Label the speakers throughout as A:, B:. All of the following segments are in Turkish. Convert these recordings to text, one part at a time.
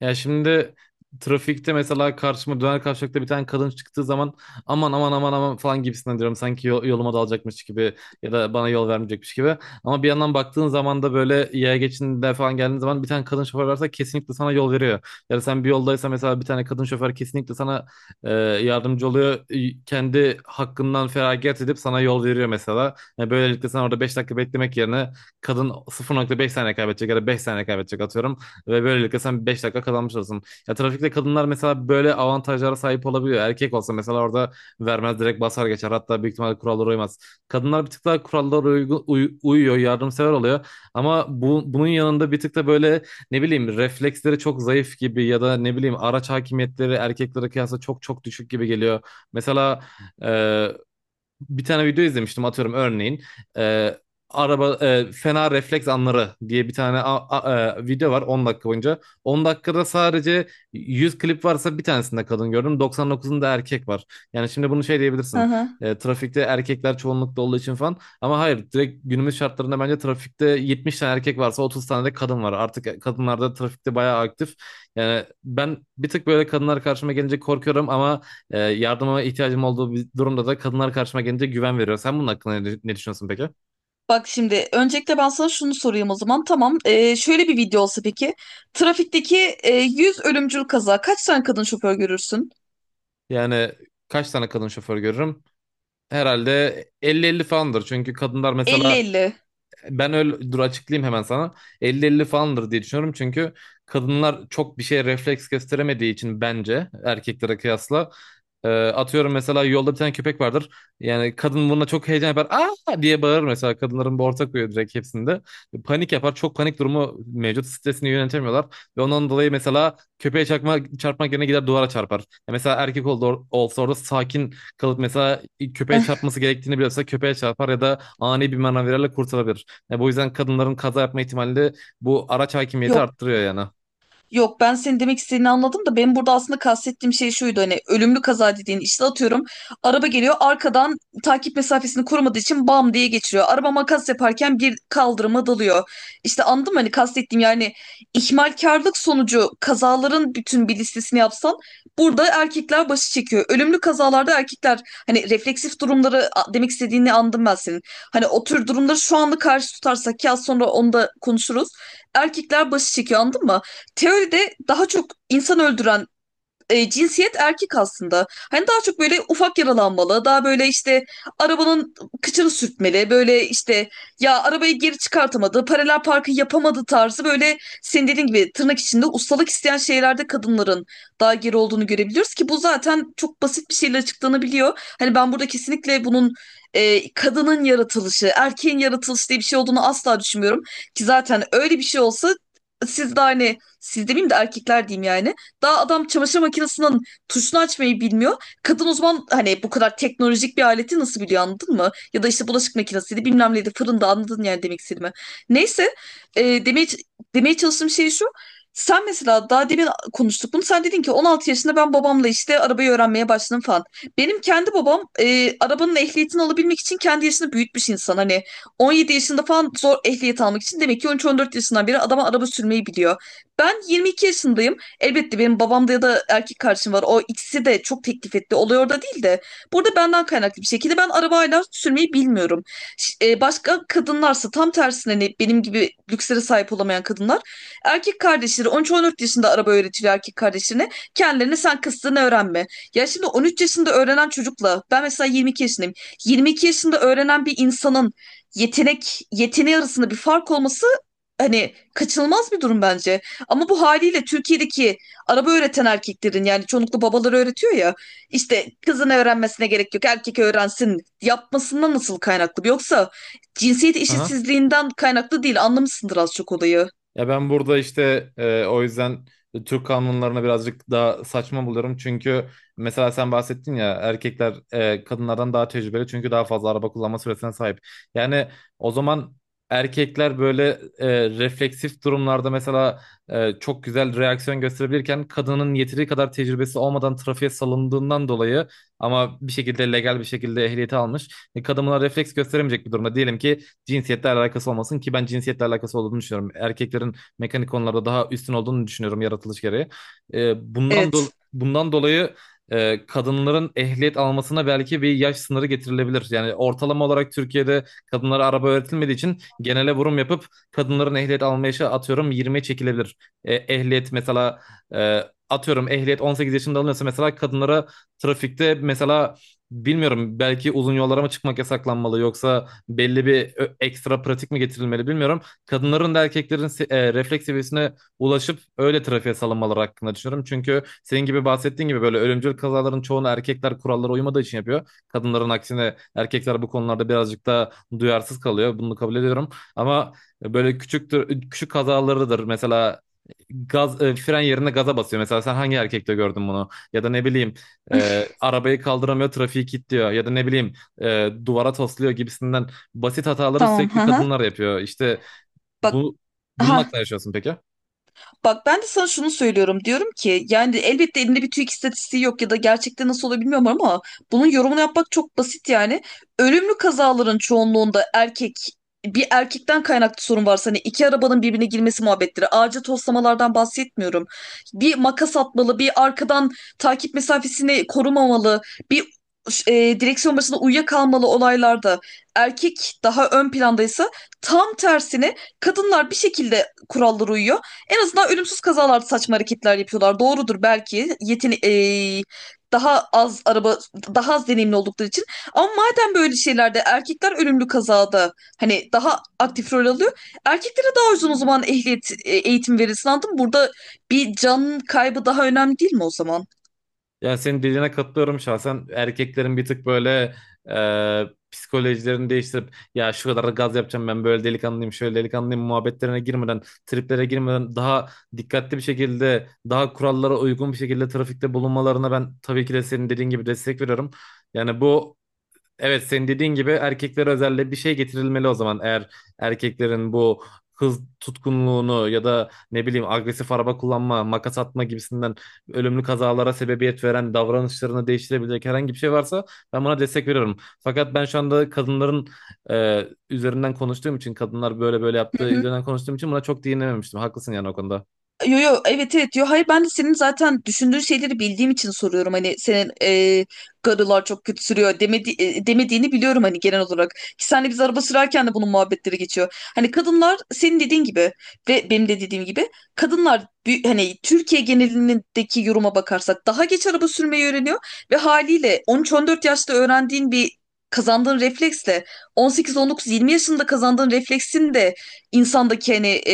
A: Ya şimdi trafikte mesela karşıma döner kavşakta bir tane kadın çıktığı zaman aman aman aman aman falan gibisinden diyorum. Sanki yoluma dalacakmış gibi ya da bana yol vermeyecekmiş gibi. Ama bir yandan baktığın zaman da böyle yaya geçidinde falan geldiğin zaman bir tane kadın şoför varsa kesinlikle sana yol veriyor. Yani sen bir yoldaysa mesela bir tane kadın şoför kesinlikle sana yardımcı oluyor. Kendi hakkından feragat edip sana yol veriyor mesela. Yani böylelikle sen orada 5 dakika beklemek yerine kadın sıfır nokta beş saniye kaybedecek ya da 5 saniye kaybedecek atıyorum. Ve böylelikle sen 5 dakika kazanmış olursun. Ya trafikte kadınlar mesela böyle avantajlara sahip olabiliyor. Erkek olsa mesela orada vermez, direkt basar geçer. Hatta büyük ihtimalle kurallara uymaz. Kadınlar bir tık daha kurallara uyuyor, yardımsever oluyor. Ama bunun yanında bir tık da böyle ne bileyim refleksleri çok zayıf gibi ya da ne bileyim araç hakimiyetleri erkeklere kıyasla çok çok düşük gibi geliyor. Mesela bir tane video izlemiştim atıyorum örneğin, e, araba fena refleks anları diye bir tane video var 10 dakika boyunca. On dakikada sadece 100 klip varsa bir tanesinde kadın gördüm, doksan dokuzunda erkek var. Yani şimdi bunu şey
B: Hı
A: diyebilirsin,
B: hı.
A: trafikte erkekler çoğunlukta olduğu için falan, ama hayır, direkt günümüz şartlarında bence trafikte 70 tane erkek varsa 30 tane de kadın var. Artık kadınlar da trafikte bayağı aktif. Yani ben bir tık böyle kadınlar karşıma gelince korkuyorum ama yardıma ihtiyacım olduğu bir durumda da kadınlar karşıma gelince güven veriyor. Sen bunun hakkında ne düşünüyorsun peki?
B: Bak şimdi öncelikle ben sana şunu sorayım o zaman. Tamam. Şöyle bir video olsa peki. Trafikteki 100 ölümcül kaza. Kaç tane kadın şoför görürsün?
A: Yani kaç tane kadın şoför görürüm? Herhalde elli elli falandır. Çünkü kadınlar
B: Elli
A: mesela
B: Elli
A: ben öyle dur açıklayayım hemen sana. 50-50 falandır diye düşünüyorum, çünkü kadınlar çok bir şeye refleks gösteremediği için bence erkeklere kıyasla, atıyorum mesela yolda bir tane köpek vardır. Yani kadın buna çok heyecan yapar. Aa diye bağırır mesela. Kadınların bir ortak huyu, direkt hepsinde. Panik yapar. Çok panik durumu mevcut. Stresini yönetemiyorlar. Ve ondan dolayı mesela köpeğe çarpmak yerine gider duvara çarpar. Ya mesela erkek olsa orada sakin kalıp mesela köpeğe
B: Eh,
A: çarpması gerektiğini biliyorsa köpeğe çarpar ya da ani bir manevralarla kurtarabilir. Bu yüzden kadınların kaza yapma ihtimali de bu araç hakimiyeti
B: Yok,
A: arttırıyor yani.
B: yok, ben senin demek istediğini anladım da benim burada aslında kastettiğim şey şuydu. Hani ölümlü kaza dediğin işte atıyorum, araba geliyor arkadan, takip mesafesini korumadığı için bam diye geçiriyor. Araba makas yaparken bir kaldırıma dalıyor. İşte anladın mı hani kastettiğim? Yani ihmalkarlık sonucu kazaların bütün bir listesini yapsan, burada erkekler başı çekiyor. Ölümlü kazalarda erkekler hani refleksif durumları, demek istediğini anladım ben senin. Hani o tür durumları şu anda karşı tutarsak ya, sonra onu da konuşuruz. Erkekler başı çekiyor, anladın mı? Teoride daha çok insan öldüren cinsiyet erkek aslında. Hani daha çok böyle ufak yaralanmalı, daha böyle işte arabanın kıçını sürtmeli, böyle işte ya arabayı geri çıkartamadı, paralel parkı yapamadı tarzı, böyle senin dediğin gibi tırnak içinde ustalık isteyen şeylerde kadınların daha geri olduğunu görebiliyoruz ki bu zaten çok basit bir şeyle açıklanabiliyor. Hani ben burada kesinlikle bunun kadının yaratılışı, erkeğin yaratılışı diye bir şey olduğunu asla düşünmüyorum. Ki zaten öyle bir şey olsa, siz de hani, siz demeyeyim de erkekler diyeyim yani. Daha adam çamaşır makinesinin tuşunu açmayı bilmiyor. Kadın o zaman hani bu kadar teknolojik bir aleti nasıl biliyor, anladın mı? Ya da işte bulaşık makinesiydi, bilmem neydi, fırında, anladın yani demek istediğimi. Neyse, e, demeye, demeye çalıştığım şey şu. Sen mesela daha demin konuştuk bunu. Sen dedin ki 16 yaşında ben babamla işte arabayı öğrenmeye başladım falan. Benim kendi babam arabanın ehliyetini alabilmek için kendi yaşını büyütmüş insan. Hani 17 yaşında falan zor ehliyet almak için, demek ki 13-14 yaşından beri adama araba sürmeyi biliyor. Ben 22 yaşındayım. Elbette benim babamda ya da erkek kardeşim var. O ikisi de çok teklif etti. Olay orada değil de, burada benden kaynaklı bir şekilde ben arabayla sürmeyi bilmiyorum. Başka kadınlarsa tam tersine, hani benim gibi lükslere sahip olamayan kadınlar, erkek kardeşleri on 14 yaşında araba öğretiliyor erkek kardeşlerine. Kendilerine sen kıstığını öğrenme. Ya şimdi 13 yaşında öğrenen çocukla, ben mesela 22 yaşındayım. 22 yaşında öğrenen bir insanın yeteneği arasında bir fark olması hani kaçınılmaz bir durum bence. Ama bu haliyle Türkiye'deki araba öğreten erkeklerin, yani çoğunlukla babaları öğretiyor ya, işte kızın öğrenmesine gerek yok, erkek öğrensin yapmasından nasıl kaynaklı? Yoksa cinsiyet
A: Aha.
B: eşitsizliğinden kaynaklı değil, anlamışsındır az çok olayı.
A: Ya ben burada işte, o yüzden Türk kanunlarına birazcık daha saçma buluyorum. Çünkü mesela sen bahsettin ya, erkekler, kadınlardan daha tecrübeli çünkü daha fazla araba kullanma süresine sahip. Yani o zaman erkekler böyle, refleksif durumlarda mesela, çok güzel reaksiyon gösterebilirken kadının yeteri kadar tecrübesi olmadan trafiğe salındığından dolayı ama bir şekilde legal bir şekilde ehliyeti almış. E, kadın buna refleks gösteremeyecek bir durumda. Diyelim ki cinsiyetle alakası olmasın, ki ben cinsiyetle alakası olduğunu düşünüyorum. Erkeklerin mekanik konularda daha üstün olduğunu düşünüyorum yaratılış gereği. E,
B: Evet.
A: bundan dolayı kadınların ehliyet almasına belki bir yaş sınırı getirilebilir. Yani ortalama olarak Türkiye'de kadınlara araba öğretilmediği için genele vurum yapıp kadınların ehliyet alma yaşı atıyorum 20'ye çekilebilir. E, ehliyet mesela, e, atıyorum ehliyet 18 yaşında alınıyorsa mesela kadınlara trafikte mesela bilmiyorum belki uzun yollara mı çıkmak yasaklanmalı yoksa belli bir ekstra pratik mi getirilmeli bilmiyorum. Kadınların da erkeklerin refleks seviyesine ulaşıp öyle trafiğe salınmaları hakkında düşünüyorum. Çünkü senin gibi bahsettiğin gibi böyle ölümcül kazaların çoğunu erkekler kurallara uymadığı için yapıyor. Kadınların aksine erkekler bu konularda birazcık daha duyarsız kalıyor. Bunu kabul ediyorum. Ama böyle küçük kazalarıdır. Mesela gaz, fren yerine gaza basıyor. Mesela sen hangi erkekte gördün bunu? Ya da ne bileyim, arabayı kaldıramıyor, trafiği kilitliyor. Ya da ne bileyim, duvara tosluyor gibisinden basit hataları
B: Tamam.
A: sürekli
B: Ha, ha.
A: kadınlar yapıyor. İşte
B: Bak.
A: bu bunun
B: Ha,
A: hakkında yaşıyorsun peki?
B: bak ben de sana şunu söylüyorum, diyorum ki, yani elbette elinde bir TÜİK istatistiği yok ya da gerçekten nasıl oluyor bilmiyorum ama bunun yorumunu yapmak çok basit yani. Ölümlü kazaların çoğunluğunda erkek, bir erkekten kaynaklı sorun varsa, hani iki arabanın birbirine girmesi muhabbetleri, ağaca toslamalardan bahsetmiyorum. Bir makas atmalı, bir arkadan takip mesafesini korumamalı, bir direksiyon başında uyuyakalmalı olaylarda erkek daha ön plandaysa, tam tersine kadınlar bir şekilde kurallara uyuyor. En azından ölümsüz kazalarda saçma hareketler yapıyorlar. Doğrudur belki. Yeteni daha az araba, daha az deneyimli oldukları için. Ama madem böyle şeylerde erkekler ölümlü kazada hani daha aktif rol alıyor, erkeklere daha uzun o zaman ehliyet eğitim verilsin, anladın mı? Burada bir can kaybı daha önemli değil mi o zaman?
A: Yani senin dediğine katılıyorum şahsen. Erkeklerin bir tık böyle, e, psikolojilerini değiştirip, ya şu kadar gaz yapacağım, ben böyle delikanlıyım şöyle delikanlıyım muhabbetlerine girmeden, triplere girmeden, daha dikkatli bir şekilde, daha kurallara uygun bir şekilde trafikte bulunmalarına ben tabii ki de senin dediğin gibi destek veriyorum. Yani bu, evet, senin dediğin gibi erkeklere özelde bir şey getirilmeli o zaman. Eğer erkeklerin bu hız tutkunluğunu ya da ne bileyim agresif araba kullanma, makas atma gibisinden ölümlü kazalara sebebiyet veren davranışlarını değiştirebilecek herhangi bir şey varsa ben buna destek veriyorum. Fakat ben şu anda kadınların e, üzerinden konuştuğum için, kadınlar böyle böyle
B: Hı
A: yaptığı
B: hı.
A: üzerinden konuştuğum için buna çok değinememiştim. Haklısın yani o konuda.
B: Yo, yo, evet, evet, yo, hayır, ben de senin zaten düşündüğün şeyleri bildiğim için soruyorum. Hani senin garılar çok kötü sürüyor demediğini biliyorum hani, genel olarak ki senle biz araba sürerken de bunun muhabbetleri geçiyor. Hani kadınlar senin dediğin gibi ve benim de dediğim gibi, hani Türkiye genelindeki yoruma bakarsak daha geç araba sürmeyi öğreniyor, ve haliyle on 14 yaşta öğrendiğin bir kazandığın refleksle 18 19 20 yaşında kazandığın refleksin de insandaki hani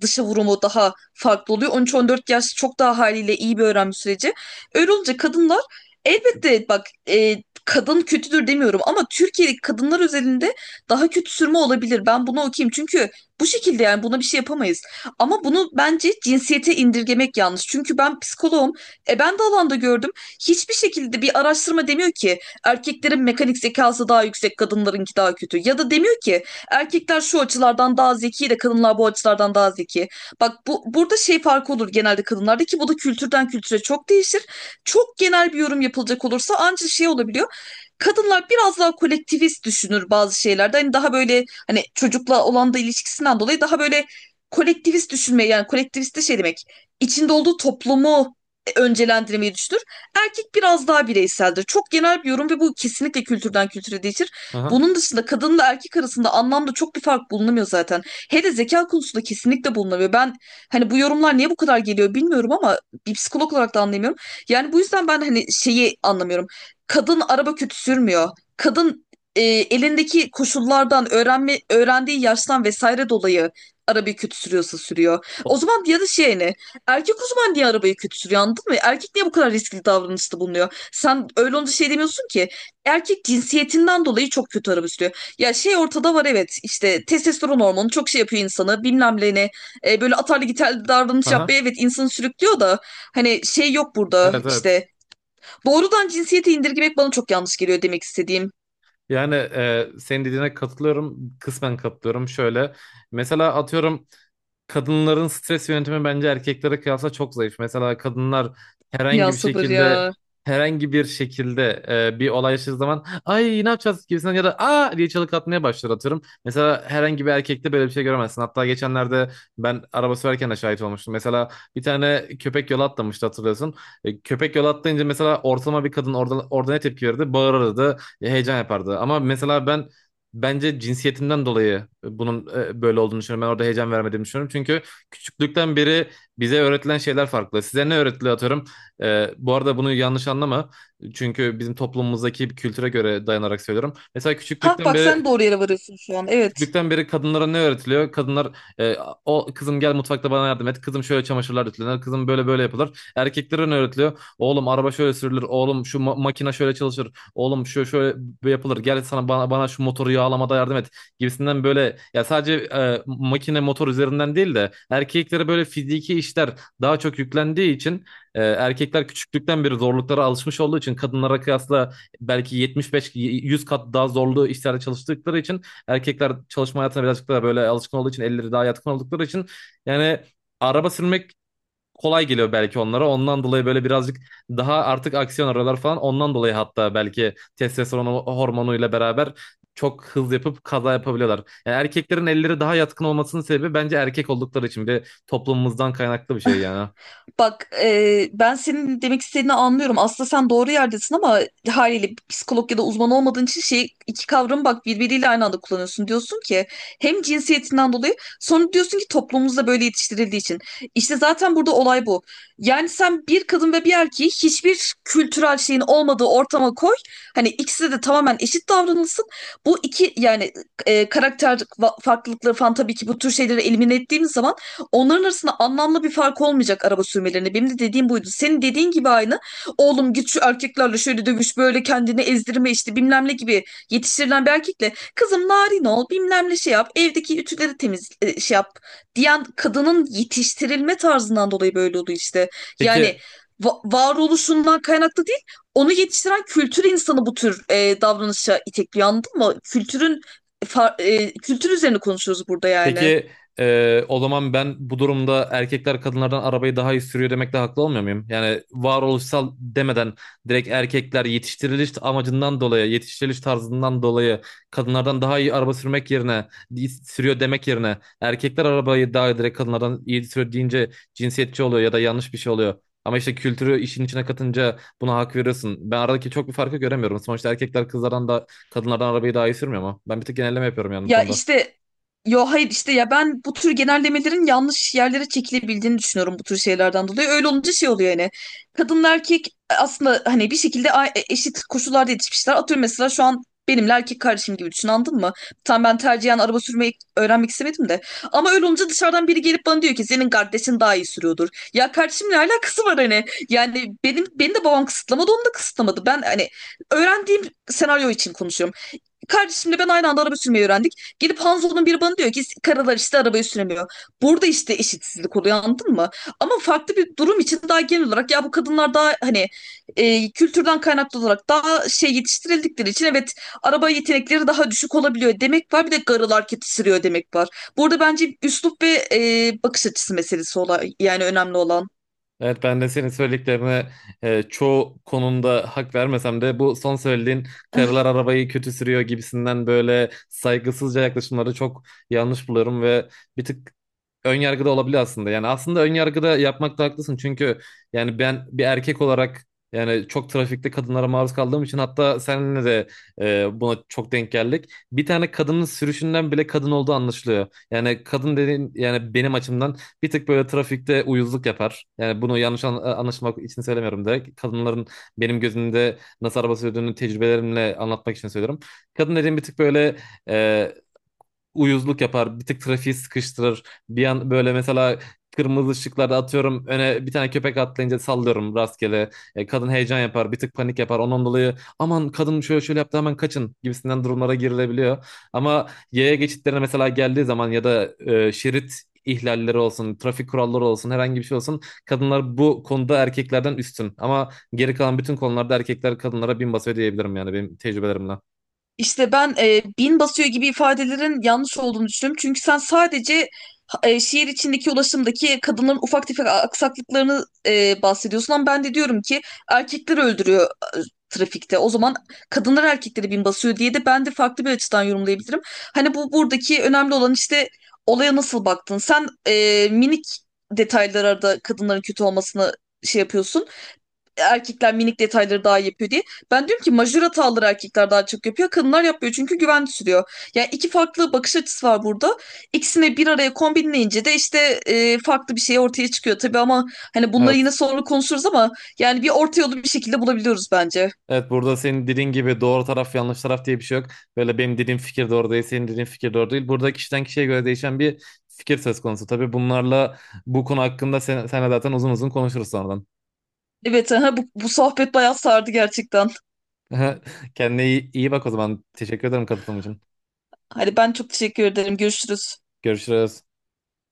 B: dışa vurumu daha farklı oluyor. 13 14 yaş çok daha haliyle iyi bir öğrenme süreci. Öyle olunca kadınlar, elbette bak, kadın kötüdür demiyorum ama Türkiye'deki kadınlar özelinde daha kötü sürme olabilir. Ben bunu okuyayım çünkü bu şekilde, yani buna bir şey yapamayız. Ama bunu bence cinsiyete indirgemek yanlış. Çünkü ben psikoloğum. E, ben de alanda gördüm. Hiçbir şekilde bir araştırma demiyor ki erkeklerin mekanik zekası daha yüksek, kadınlarınki daha kötü. Ya da demiyor ki erkekler şu açılardan daha zeki de kadınlar bu açılardan daha zeki. Bak, bu burada şey farkı olur genelde kadınlarda, ki bu da kültürden kültüre çok değişir. Çok genel bir yorum yapılacak olursa ancak şey olabiliyor. Kadınlar biraz daha kolektivist düşünür bazı şeylerde. Hani daha böyle hani çocukla olan da ilişkisinden dolayı daha böyle kolektivist düşünmeyi, yani kolektivist de şey demek, içinde olduğu toplumu öncelendirmeyi düşünür. Erkek biraz daha bireyseldir. Çok genel bir yorum ve bu kesinlikle kültürden kültüre değişir.
A: Aha.
B: Bunun dışında kadınla erkek arasında anlamda çok bir fark bulunamıyor zaten. Hele zeka konusunda kesinlikle bulunamıyor. Ben hani bu yorumlar niye bu kadar geliyor bilmiyorum ama bir psikolog olarak da anlayamıyorum. Yani bu yüzden ben hani şeyi anlamıyorum. Kadın araba kötü sürmüyor. Kadın, elindeki koşullardan, öğrendiği yaştan vesaire dolayı arabayı kötü sürüyorsa sürüyor. O
A: O-
B: zaman, ya da şey ne? Erkek uzman diye arabayı kötü sürüyor, anladın mı? Erkek niye bu kadar riskli davranışta bulunuyor? Sen öyle olunca şey demiyorsun ki erkek cinsiyetinden dolayı çok kötü arabuluyor. Ya şey ortada var, evet, işte testosteron hormonu çok şey yapıyor insanı, bilmem ne, böyle atarlı gitarlı davranış yapmaya
A: Aha.
B: evet insanı sürüklüyor da, hani şey yok burada
A: Evet, evet.
B: işte, doğrudan cinsiyete indirgemek bana çok yanlış geliyor, demek istediğim.
A: Yani, senin dediğine katılıyorum. Kısmen katılıyorum. Şöyle, mesela atıyorum, kadınların stres yönetimi bence erkeklere kıyasla çok zayıf. Mesela kadınlar herhangi
B: Ya
A: bir
B: sabır
A: şekilde
B: ya.
A: herhangi bir şekilde bir olay yaşadığı zaman ay ne yapacağız gibisinden ya da aa diye çığlık atmaya başlar atıyorum. Mesela herhangi bir erkekte böyle bir şey göremezsin. Hatta geçenlerde ben araba sürerken de şahit olmuştum. Mesela bir tane köpek yola atlamıştı, hatırlıyorsun. E, köpek yola atlayınca mesela ortalama bir kadın orada ne tepki verirdi? Bağırırdı, heyecan yapardı. Ama mesela ben bence cinsiyetimden dolayı bunun böyle olduğunu düşünüyorum. Ben orada heyecan vermediğimi düşünüyorum. Çünkü küçüklükten beri bize öğretilen şeyler farklı. Size ne öğretiliyor atıyorum. E, bu arada bunu yanlış anlama. Çünkü bizim toplumumuzdaki bir kültüre göre dayanarak söylüyorum. Mesela
B: Ha
A: küçüklükten
B: bak,
A: beri,
B: sen doğru yere varıyorsun şu an, evet.
A: küçüklükten beri kadınlara ne öğretiliyor? Kadınlar, e, o kızım gel mutfakta bana yardım et. Kızım şöyle çamaşırlar ütülenir. Kızım böyle böyle yapılır. Erkeklere ne öğretiliyor? Oğlum araba şöyle sürülür. Oğlum şu makine şöyle çalışır. Oğlum şu şöyle böyle yapılır. Gel sana bana şu motoru yağlamada yardım et. Gibisinden böyle ya sadece makine motor üzerinden değil de erkeklere böyle fiziki işler daha çok yüklendiği için, erkekler küçüklükten beri zorluklara alışmış olduğu için kadınlara kıyasla belki 75-100 kat daha zorlu işlerde çalıştıkları için, erkekler çalışma hayatına birazcık daha böyle alışkın olduğu için, elleri daha yatkın oldukları için, yani araba sürmek kolay geliyor belki onlara. Ondan dolayı böyle birazcık daha artık aksiyon arıyorlar falan. Ondan dolayı hatta belki testosteron hormonuyla beraber çok hız yapıp kaza yapabiliyorlar. Yani erkeklerin elleri daha yatkın olmasının sebebi bence erkek oldukları için, bir de toplumumuzdan kaynaklı bir şey yani.
B: Bak, ben senin demek istediğini anlıyorum. Aslında sen doğru yerdesin ama haliyle psikolog ya da uzman olmadığın için şey, iki kavramı bak birbiriyle aynı anda kullanıyorsun. Diyorsun ki hem cinsiyetinden dolayı, sonra diyorsun ki toplumumuzda böyle yetiştirildiği için. İşte zaten burada olay bu. Yani sen bir kadın ve bir erkeği hiçbir kültürel şeyin olmadığı ortama koy. Hani ikisi de tamamen eşit davranılsın. Bu iki yani karakter farklılıkları falan, tabii ki bu tür şeyleri elimine ettiğimiz zaman onların arasında anlamlı bir fark olmayacak araba sürmelerine. Benim de dediğim buydu. Senin dediğin gibi aynı. Oğlum git şu erkeklerle şöyle dövüş, böyle kendini ezdirme işte bilmem ne gibi yetiştirilen bir erkekle, kızım narin ol, bilmem ne şey yap, evdeki ütüleri temiz şey yap diyen kadının yetiştirilme tarzından dolayı böyle oldu işte. Yani
A: Peki,
B: varoluşundan kaynaklı değil, onu yetiştiren kültür insanı bu tür davranışa itekliyor, anladın mı? Kültürün kültür üzerine konuşuyoruz burada yani.
A: peki, o zaman ben bu durumda erkekler kadınlardan arabayı daha iyi sürüyor demekle haklı olmuyor muyum? Yani varoluşsal demeden, direkt erkekler yetiştiriliş amacından dolayı, yetiştiriliş tarzından dolayı kadınlardan daha iyi araba sürmek yerine, sürüyor demek yerine erkekler arabayı daha direkt kadınlardan iyi sürüyor deyince cinsiyetçi oluyor ya da yanlış bir şey oluyor. Ama işte kültürü işin içine katınca buna hak veriyorsun. Ben aradaki çok bir farkı göremiyorum. Sonuçta erkekler kızlardan da, kadınlardan arabayı daha iyi sürmüyor ama ben bir tek genelleme yapıyorum yani bu
B: Ya
A: konuda.
B: işte yo, hayır, işte ya, ben bu tür genellemelerin yanlış yerlere çekilebildiğini düşünüyorum bu tür şeylerden dolayı. Öyle olunca şey oluyor yani. Kadın erkek aslında hani bir şekilde eşit koşullarda yetişmişler. Atıyorum mesela, şu an benimle erkek kardeşim gibi düşün, anladın mı? Tam ben tercihen araba sürmeyi öğrenmek istemedim de, ama öyle olunca dışarıdan biri gelip bana diyor ki senin kardeşin daha iyi sürüyordur. Ya kardeşim ne alakası var hani? Yani benim, beni de babam kısıtlamadı, onu da kısıtlamadı. Ben hani öğrendiğim senaryo için konuşuyorum. Kardeşimle ben aynı anda araba sürmeyi öğrendik. Gelip Hanzo'nun biri bana diyor ki karılar işte arabayı süremiyor. Burada işte eşitsizlik oluyor, anladın mı? Ama farklı bir durum için daha genel olarak, ya bu kadınlar daha hani kültürden kaynaklı olarak daha şey yetiştirildikleri için evet araba yetenekleri daha düşük olabiliyor demek var. Bir de karılar kötü sürüyor demek var. Burada bence üslup ve bakış açısı meselesi olay, yani önemli olan.
A: Evet, ben de senin söylediklerine çoğu konumda hak vermesem de, bu son söylediğin karılar arabayı kötü sürüyor gibisinden böyle saygısızca yaklaşımları çok yanlış buluyorum ve bir tık önyargıda olabilir aslında. Yani aslında önyargıda yapmakta haklısın. Çünkü yani ben bir erkek olarak, yani çok trafikte kadınlara maruz kaldığım için, hatta seninle de buna çok denk geldik. Bir tane kadının sürüşünden bile kadın olduğu anlaşılıyor. Yani kadın dediğin, yani benim açımdan bir tık böyle trafikte uyuzluk yapar. Yani bunu yanlış anlaşılmak için söylemiyorum direkt. Kadınların benim gözümde nasıl araba sürdüğünü tecrübelerimle anlatmak için söylüyorum. Kadın dediğim bir tık böyle e, uyuzluk yapar. Bir tık trafiği sıkıştırır. Bir an böyle mesela kırmızı ışıklarda atıyorum öne bir tane köpek atlayınca sallıyorum rastgele. E, kadın heyecan yapar, bir tık panik yapar. Ondan dolayı aman kadın şöyle şöyle yaptı hemen kaçın gibisinden durumlara girilebiliyor. Ama yaya geçitlerine mesela geldiği zaman ya da, şerit ihlalleri olsun, trafik kuralları olsun, herhangi bir şey olsun. Kadınlar bu konuda erkeklerden üstün. Ama geri kalan bütün konularda erkekler kadınlara bin basıyor diyebilirim yani benim tecrübelerimle.
B: İşte ben bin basıyor gibi ifadelerin yanlış olduğunu düşünüyorum. Çünkü sen sadece şehir içindeki ulaşımdaki kadınların ufak tefek aksaklıklarını bahsediyorsun ama ben de diyorum ki erkekler öldürüyor e, trafikte. O zaman kadınlar erkekleri bin basıyor diye de ben de farklı bir açıdan yorumlayabilirim. Hani bu, buradaki önemli olan işte olaya nasıl baktın? Sen minik detaylara da kadınların kötü olmasını şey yapıyorsun, erkekler minik detayları daha iyi yapıyor diye. Ben diyorum ki majör hataları erkekler daha çok yapıyor. Kadınlar yapmıyor çünkü güven sürüyor. Yani iki farklı bakış açısı var burada. İkisini bir araya kombinleyince de işte farklı bir şey ortaya çıkıyor tabii ama hani bunları yine
A: Evet.
B: sonra konuşuruz ama yani bir orta yolu bir şekilde bulabiliyoruz bence.
A: Evet, burada senin dediğin gibi doğru taraf yanlış taraf diye bir şey yok. Böyle benim dediğim fikir doğru değil, senin dediğin fikir doğru değil. Burada kişiden kişiye göre değişen bir fikir söz konusu. Tabii bunlarla bu konu hakkında senle zaten uzun uzun konuşuruz sonradan.
B: Evet, aha, bu sohbet bayağı sardı gerçekten.
A: Kendine iyi bak o zaman. Teşekkür ederim katılım için.
B: Hadi ben çok teşekkür ederim. Görüşürüz.
A: Görüşürüz.